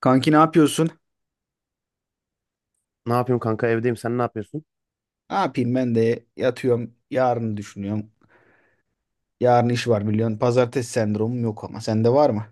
Kanki ne yapıyorsun? Ne yapıyorum kanka, evdeyim, sen ne yapıyorsun? Ne yapayım ben de yatıyorum. Yarını düşünüyorum. Yarın iş var biliyorsun. Pazartesi sendromum yok ama sende var mı?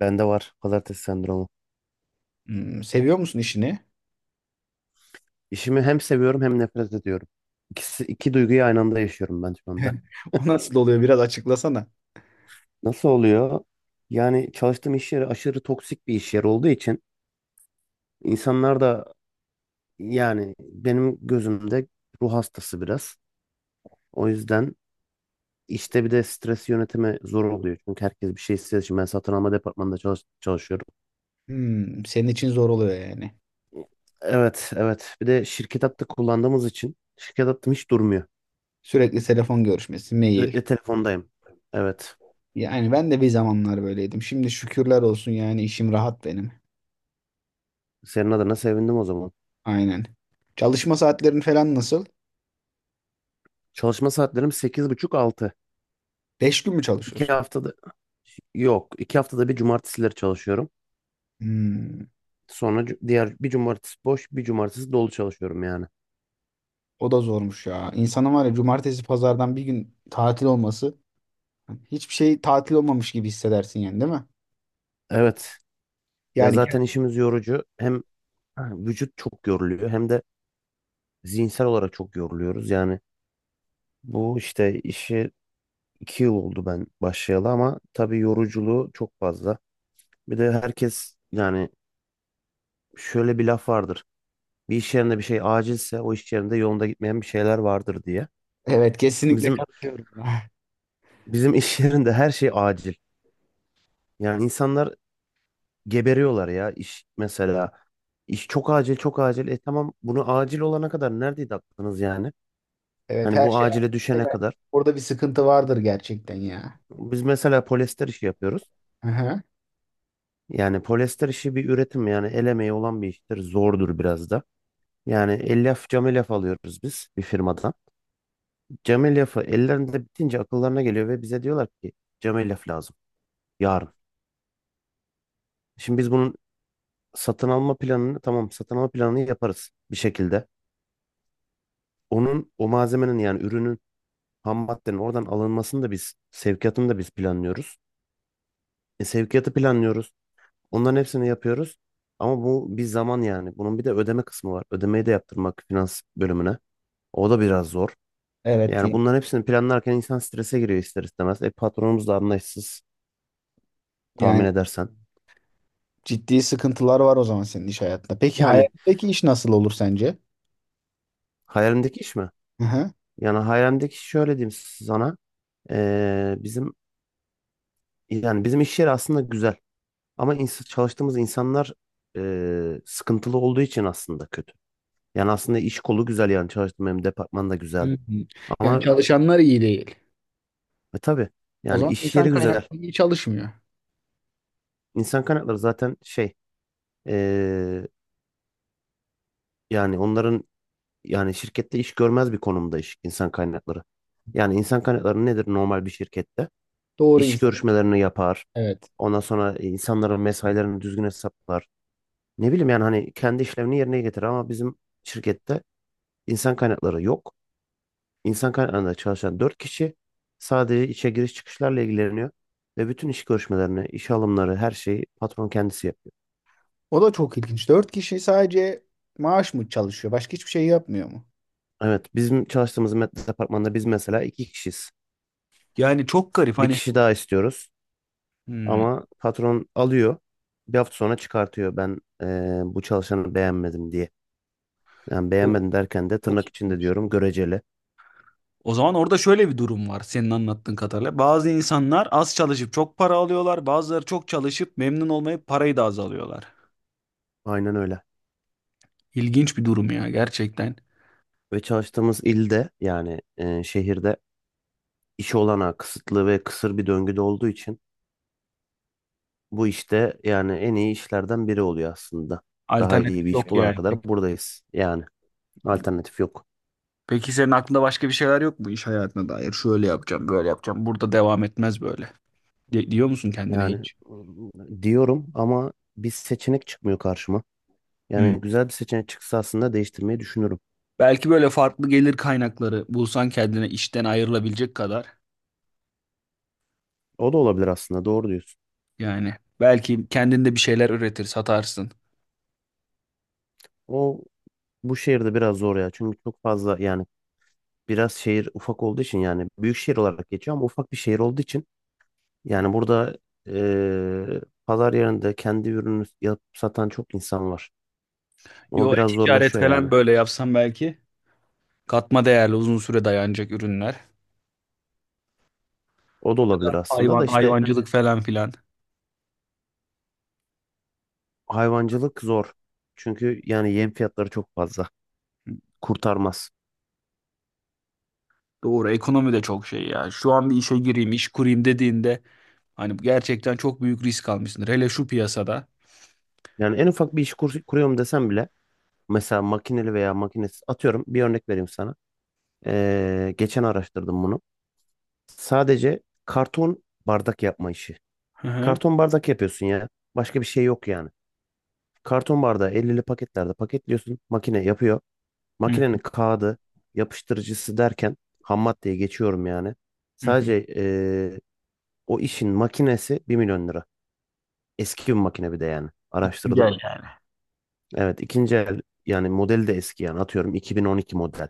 Bende var pazartesi sendromu. Hmm, seviyor musun işini? İşimi hem seviyorum hem nefret ediyorum. İkisi, iki duyguyu aynı anda yaşıyorum ben şu anda. O nasıl oluyor biraz açıklasana. Nasıl oluyor? Yani çalıştığım iş yeri aşırı toksik bir iş yeri olduğu için insanlar da yani benim gözümde ruh hastası biraz. O yüzden işte bir de stres yönetimi zor oluyor. Çünkü herkes bir şey istediği için ben satın alma departmanında çalışıyorum. Hmm, senin için zor oluyor yani. Evet, evet, bir de şirket hattı kullandığımız için şirket hattım hiç durmuyor. Sürekli telefon görüşmesi, mail. Sürekli telefondayım. Evet. Yani ben de bir zamanlar böyleydim. Şimdi şükürler olsun yani işim rahat benim. Senin adına sevindim o zaman. Aynen. Çalışma saatlerin falan nasıl? Çalışma saatlerim sekiz buçuk altı. Beş gün mü İki çalışıyorsun? haftada yok. İki haftada bir cumartesileri çalışıyorum. Hmm, Sonra diğer bir cumartesi boş, bir cumartesi dolu çalışıyorum yani. o da zormuş ya. İnsanın var ya cumartesi pazardan bir gün tatil olması. Hiçbir şey tatil olmamış gibi hissedersin yani değil mi? Evet. Ya Yani evet, zaten işimiz yorucu. Hem vücut çok yoruluyor hem de zihinsel olarak çok yoruluyoruz. Yani bu işte işi 2 yıl oldu ben başlayalı ama tabii yoruculuğu çok fazla. Bir de herkes yani şöyle bir laf vardır. Bir iş yerinde bir şey acilse o iş yerinde yolunda gitmeyen bir şeyler vardır diye. evet, kesinlikle Bizim katılıyorum. bizim iş yerinde her şey acil. Yani insanlar geberiyorlar ya iş mesela. İş çok acil çok acil. E tamam, bunu acil olana kadar neredeydi aklınız yani? Evet, Hani her bu şey acile düşene kadar. orada bir sıkıntı vardır gerçekten ya. Biz mesela polyester işi yapıyoruz. Aha. Yani polyester işi bir üretim, yani el emeği olan bir iştir. Zordur biraz da. Yani cam elyaf alıyoruz biz bir firmadan. Cam elyafı ellerinde bitince akıllarına geliyor ve bize diyorlar ki cam elyaf lazım yarın. Şimdi biz bunun satın alma planını yaparız bir şekilde. Onun o malzemenin, yani ürünün, ham maddenin oradan alınmasını da biz, sevkiyatını da biz planlıyoruz. E, sevkiyatı planlıyoruz. Onların hepsini yapıyoruz. Ama bu bir zaman yani. Bunun bir de ödeme kısmı var. Ödemeyi de yaptırmak finans bölümüne. O da biraz zor. Evet, Yani bunların hepsini planlarken insan strese giriyor ister istemez. E patronumuz da anlayışsız, tahmin yani edersen. ciddi sıkıntılar var o zaman senin iş hayatında. Peki Yani hayalindeki iş nasıl olur sence? hayalimdeki iş mi? Yani hayalimdeki iş şöyle diyeyim sana. Bizim Yani bizim iş yeri aslında güzel ama çalıştığımız insanlar sıkıntılı olduğu için aslında kötü. Yani aslında iş kolu güzel, yani çalıştığım benim departman da Hı güzel hı. Yani ama çalışanlar iyi değil. Tabii O yani zaman iş insan yeri güzel. kaynakları iyi çalışmıyor. İnsan kaynakları zaten şey e, yani onların, yani şirkette iş görmez bir konumda iş insan kaynakları. Yani insan kaynakları nedir normal bir şirkette? Doğru İş insan. görüşmelerini yapar. Evet. Ondan sonra insanların mesailerini düzgün hesaplar. Ne bileyim yani, hani kendi işlevini yerine getirir ama bizim şirkette İnsan kaynakları yok. İnsan kaynaklarında çalışan 4 kişi sadece işe giriş çıkışlarla ilgileniyor. Ve bütün iş görüşmelerini, iş alımları, her şeyi patron kendisi yapıyor. O da çok ilginç. Dört kişi sadece maaş mı çalışıyor? Başka hiçbir şey yapmıyor mu? Evet, bizim çalıştığımız departmanda biz mesela iki kişiyiz. Yani çok garip Bir hani. kişi daha istiyoruz Hmm. ama patron alıyor. Bir hafta sonra çıkartıyor ben, bu çalışanı beğenmedim diye. Yani Çok, beğenmedim derken de çok tırnak içinde iyiymiş. diyorum, göreceli. O zaman orada şöyle bir durum var senin anlattığın kadarıyla. Bazı insanlar az çalışıp çok para alıyorlar. Bazıları çok çalışıp memnun olmayıp parayı da az alıyorlar. Aynen öyle. İlginç bir durum ya gerçekten. Ve çalıştığımız ilde, yani şehirde iş olanağı kısıtlı ve kısır bir döngüde olduğu için bu işte yani en iyi işlerden biri oluyor aslında. Daha iyi bir Alternatif iş yok bulana yani. kadar buradayız. Yani alternatif yok. Peki senin aklında başka bir şeyler yok mu iş hayatına dair? Şöyle yapacağım, böyle yapacağım. Burada devam etmez böyle. Diyor musun kendine Yani hiç? Diyorum ama bir seçenek çıkmıyor karşıma. Hı. Yani güzel bir seçenek çıksa aslında değiştirmeyi düşünürüm. Belki böyle farklı gelir kaynakları bulsan kendine işten ayrılabilecek kadar. O da olabilir aslında, doğru diyorsun. Yani belki kendinde bir şeyler üretir, satarsın. O bu şehirde biraz zor ya. Çünkü çok fazla yani, biraz şehir ufak olduğu için, yani büyük şehir olarak geçiyor ama ufak bir şehir olduğu için yani burada pazar yerinde kendi ürünü yapıp satan çok insan var. Ama Yo, biraz ticaret zorlaşıyor yani. falan böyle yapsan belki katma değerli uzun süre dayanacak ürünler. O da olabilir aslında da Hayvan, işte hayvancılık falan filan. hayvancılık zor. Çünkü yani yem fiyatları çok fazla. Kurtarmaz. Doğru, ekonomi de çok şey ya. Şu an bir işe gireyim, iş kurayım dediğinde hani gerçekten çok büyük risk almışsındır. Hele şu piyasada. Yani en ufak bir iş kuruyorum desem bile mesela makineli veya makinesiz, atıyorum bir örnek vereyim sana. Geçen araştırdım bunu. Sadece karton bardak yapma işi. Hı hı. Karton bardak yapıyorsun ya. Başka bir şey yok yani. Karton bardağı 50'li paketlerde paketliyorsun. Makine yapıyor. Hı Makinenin kağıdı, yapıştırıcısı derken ham maddeye geçiyorum yani. hı hı. Sadece, o işin makinesi 1 milyon lira. Eski bir makine bir de yani. Araştırdım. Güzel yani. Evet, ikinci el, yani modeli de eski, yani atıyorum 2012 model.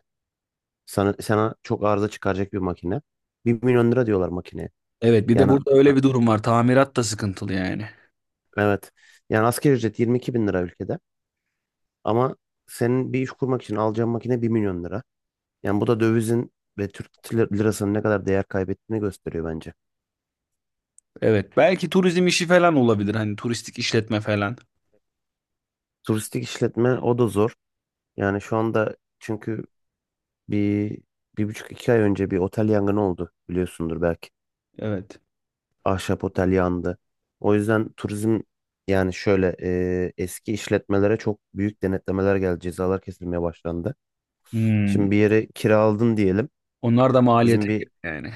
Sana çok arıza çıkaracak bir makine. 1 milyon lira diyorlar makineye. Evet, bir de Yani burada öyle bir durum var. Tamirat da sıkıntılı yani. evet, yani asgari ücret 22 bin lira ülkede. Ama senin bir iş kurmak için alacağın makine 1 milyon lira. Yani bu da dövizin ve Türk lirasının ne kadar değer kaybettiğini gösteriyor bence. Evet, belki turizm işi falan olabilir. Hani turistik işletme falan. Turistik işletme o da zor. Yani şu anda çünkü Bir, bir buçuk iki ay önce bir otel yangını oldu biliyorsundur belki. Evet. Ahşap otel yandı. O yüzden turizm yani şöyle eski işletmelere çok büyük denetlemeler geldi. Cezalar kesilmeye başlandı. Şimdi Hmm. bir yeri kiraladın diyelim. Onlar da maliyete Bizim gir bir yani.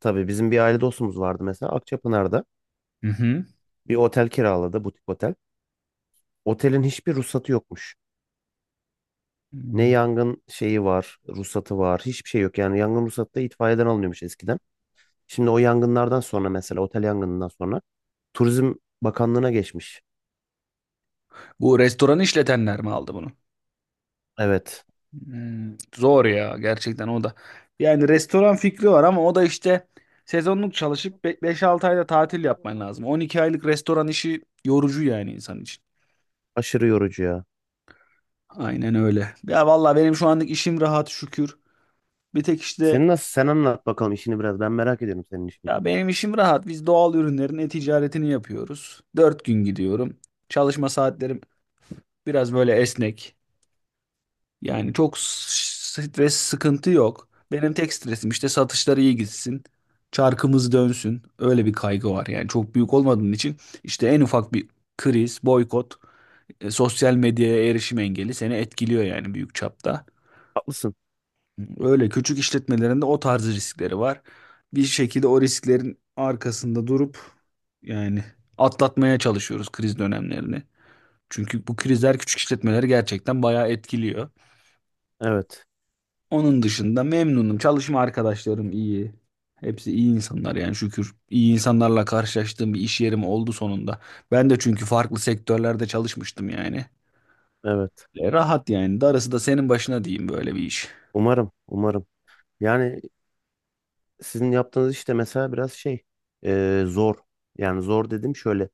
tabii bizim bir aile dostumuz vardı mesela Akçapınar'da. Hı hı. Bir otel kiraladı, butik otel. Otelin hiçbir ruhsatı yokmuş. Ne Hmm. yangın şeyi var, ruhsatı var, hiçbir şey yok. Yani yangın ruhsatı da itfaiyeden alınıyormuş eskiden. Şimdi o yangınlardan sonra, mesela otel yangınından sonra Turizm Bakanlığı'na geçmiş. Bu restoran işletenler mi aldı bunu? Evet. Hmm. Zor ya gerçekten o da. Yani restoran fikri var ama o da işte sezonluk çalışıp 5-6 ayda tatil yapman lazım. 12 aylık restoran işi yorucu yani insan için. Aşırı yorucu ya. Aynen öyle. Ya vallahi benim şu anlık işim rahat şükür. Bir tek işte, Senin nasıl? Sen anlat bakalım işini biraz. Ben merak ediyorum senin işini. ya benim işim rahat. Biz doğal ürünlerin e-ticaretini yapıyoruz. Dört gün gidiyorum. Çalışma saatlerim biraz böyle esnek. Yani çok stres sıkıntı yok. Benim tek stresim işte satışlar iyi gitsin. Çarkımız dönsün. Öyle bir kaygı var. Yani çok büyük olmadığın için işte en ufak bir kriz, boykot, sosyal medyaya erişim engeli seni etkiliyor yani büyük çapta. Haklısın. Öyle küçük işletmelerinde o tarz riskleri var. Bir şekilde o risklerin arkasında durup yani atlatmaya çalışıyoruz kriz dönemlerini. Çünkü bu krizler küçük işletmeleri gerçekten bayağı etkiliyor. Evet. Onun dışında memnunum. Çalışma arkadaşlarım iyi. Hepsi iyi insanlar yani şükür. İyi insanlarla karşılaştığım bir iş yerim oldu sonunda. Ben de çünkü farklı sektörlerde çalışmıştım yani. Evet. Rahat yani. Darısı da senin başına diyeyim böyle bir iş. Umarım. Umarım. Yani sizin yaptığınız işte mesela biraz şey, zor. Yani zor dedim şöyle.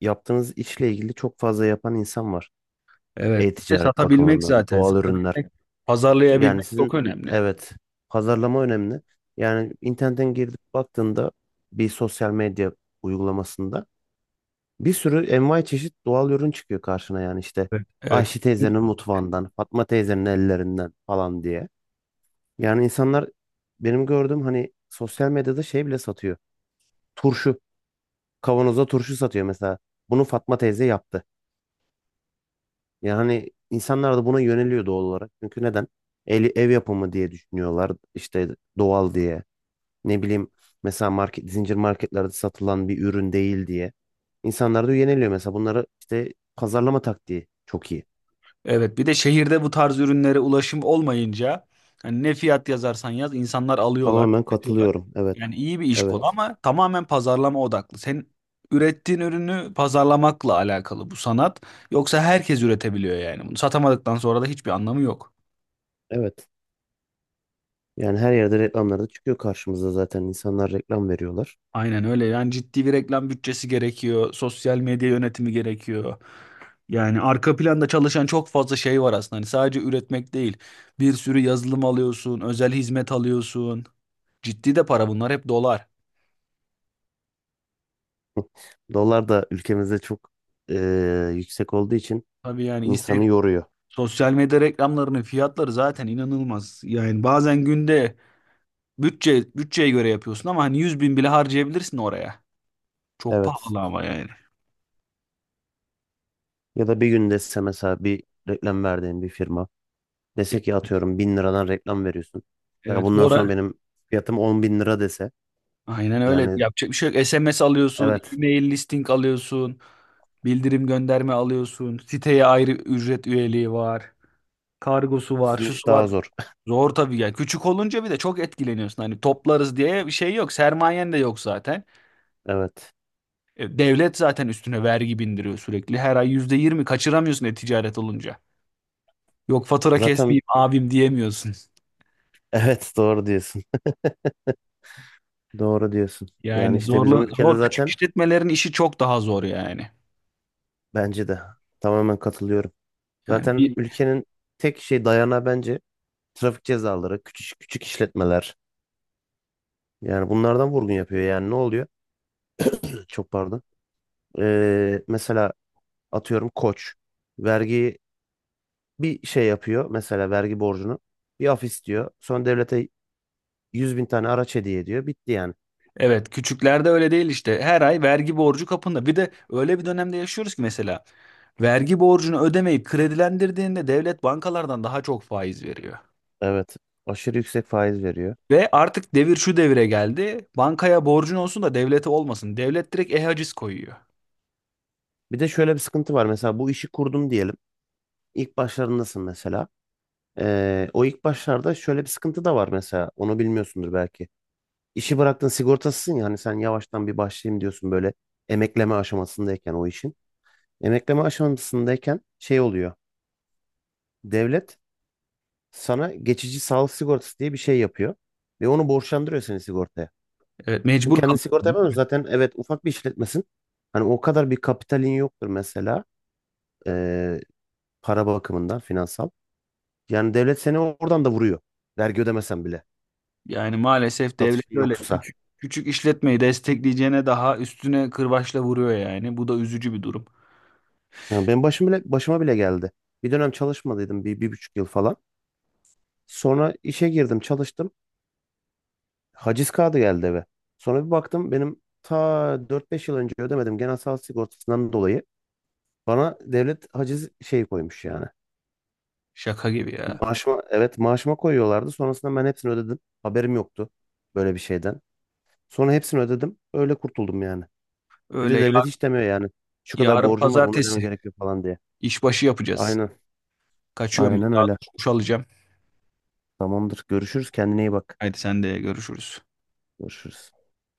Yaptığınız işle ilgili çok fazla yapan insan var. Evet. Bir de E-ticaret satabilmek bakımından. zaten. Doğal ürünler. Satabilmek, Yani pazarlayabilmek çok sizin, önemli. evet, pazarlama önemli. Yani internetten girip baktığında bir sosyal medya uygulamasında bir sürü envai çeşit doğal ürün çıkıyor karşına yani işte Evet. Evet, Ayşe teyzenin mutfağından, Fatma teyzenin ellerinden falan diye. Yani insanlar, benim gördüğüm, hani sosyal medyada şey bile satıyor. Turşu, kavanoza turşu satıyor mesela. Bunu Fatma teyze yaptı. Yani insanlar da buna yöneliyor doğal olarak. Çünkü neden? Ev yapımı diye düşünüyorlar, işte doğal diye. Ne bileyim, mesela zincir marketlerde satılan bir ürün değil diye. İnsanlar da yöneliyor mesela, bunları işte pazarlama taktiği çok iyi. evet, bir de şehirde bu tarz ürünlere ulaşım olmayınca hani ne fiyat yazarsan yaz insanlar alıyorlar, Tamamen tüketiyorlar. katılıyorum. Evet. Yani iyi bir iş Evet. kolu ama tamamen pazarlama odaklı. Sen ürettiğin ürünü pazarlamakla alakalı bu sanat. Yoksa herkes üretebiliyor yani. Bunu satamadıktan sonra da hiçbir anlamı yok. Evet. Yani her yerde reklamlarda çıkıyor karşımıza zaten. İnsanlar reklam veriyorlar. Aynen öyle. Yani ciddi bir reklam bütçesi gerekiyor. Sosyal medya yönetimi gerekiyor. Yani arka planda çalışan çok fazla şey var aslında. Hani sadece üretmek değil. Bir sürü yazılım alıyorsun, özel hizmet alıyorsun. Ciddi de para bunlar hep dolar. Dolar da ülkemizde çok yüksek olduğu için Tabii yani insanı Instagram, yoruyor. sosyal medya reklamlarının fiyatları zaten inanılmaz. Yani bazen günde bütçe bütçeye göre yapıyorsun ama hani 100.000 bile harcayabilirsin oraya. Çok Evet. pahalı ama yani. Ya da bir gün dese mesela bir reklam verdiğin bir firma dese ki atıyorum bin liradan reklam veriyorsun. Ya Evet, bundan sonra sonra benim fiyatım 10.000 lira dese, aynen öyle yani yapacak bir şey yok. SMS alıyorsun, evet, e-mail listing alıyorsun, bildirim gönderme alıyorsun, siteye ayrı ücret üyeliği var, kargosu var, sizin iş şusu var. daha zor. Zor tabii ya. Küçük olunca bir de çok etkileniyorsun. Hani toplarız diye bir şey yok. Sermayen de yok zaten. Evet. Devlet zaten üstüne vergi bindiriyor sürekli. Her ay %20 kaçıramıyorsun e-ticaret olunca. Yok fatura Zaten kesmeyeyim abim diyemiyorsun. evet doğru diyorsun. Doğru diyorsun. Yani Yani işte bizim ülkede zor küçük zaten, işletmelerin işi çok daha zor yani. bence de tamamen katılıyorum. Yani, Zaten ülkenin tek şey dayanağı bence trafik cezaları, küçük küçük işletmeler. Yani bunlardan vurgun yapıyor. Yani ne oluyor? Çok pardon. Mesela atıyorum Koç vergi bir şey yapıyor. Mesela vergi borcunu bir af istiyor. Sonra devlete 100.000 tane araç hediye ediyor. Bitti yani. evet, küçüklerde öyle değil işte. Her ay vergi borcu kapında. Bir de öyle bir dönemde yaşıyoruz ki mesela vergi borcunu ödemeyip kredilendirdiğinde devlet bankalardan daha çok faiz veriyor. Evet. Aşırı yüksek faiz veriyor. Ve artık devir şu devire geldi. Bankaya borcun olsun da devlete olmasın. Devlet direkt e-haciz koyuyor. Bir de şöyle bir sıkıntı var. Mesela bu işi kurdum diyelim. İlk başlarındasın mesela. O ilk başlarda şöyle bir sıkıntı da var mesela. Onu bilmiyorsundur belki. İşi bıraktın sigortasısın ya, hani sen yavaştan bir başlayayım diyorsun böyle, emekleme aşamasındayken o işin. Emekleme aşamasındayken şey oluyor. Devlet sana geçici sağlık sigortası diye bir şey yapıyor. Ve onu borçlandırıyor seni sigortaya. Evet, Çünkü mecbur kendin sigorta kalıyor. yapamıyorsun. Zaten, evet, ufak bir işletmesin. Hani o kadar bir kapitalin yoktur mesela. ee, para bakımından finansal. Yani devlet seni oradan da vuruyor. Vergi ödemesen bile, Yani maalesef devlet satışın öyle yoksa. küçük küçük işletmeyi destekleyeceğine daha üstüne kırbaçla vuruyor yani. Bu da üzücü bir durum. Yani benim başıma bile geldi. Bir dönem çalışmadıydım bir, bir buçuk yıl falan. Sonra işe girdim, çalıştım. Haciz kağıdı geldi eve. Sonra bir baktım, benim ta 4-5 yıl önce ödemedim genel sağlık sigortasından dolayı. Bana devlet haciz şeyi koymuş yani. Şaka gibi ya. Maaşıma, evet, maaşıma koyuyorlardı. Sonrasında ben hepsini ödedim. Haberim yoktu böyle bir şeyden. Sonra hepsini ödedim. Öyle kurtuldum yani. Bir Öyle de ya- devlet hiç demiyor yani. Şu kadar Yarın borcum var bunu ödemen pazartesi gerekiyor falan diye. işbaşı yapacağız. Aynen. Kaçıyorum ben. Aynen Daha öyle. doğrusu duş alacağım. Tamamdır. Görüşürüz. Kendine iyi bak. Haydi sen de görüşürüz. Görüşürüz.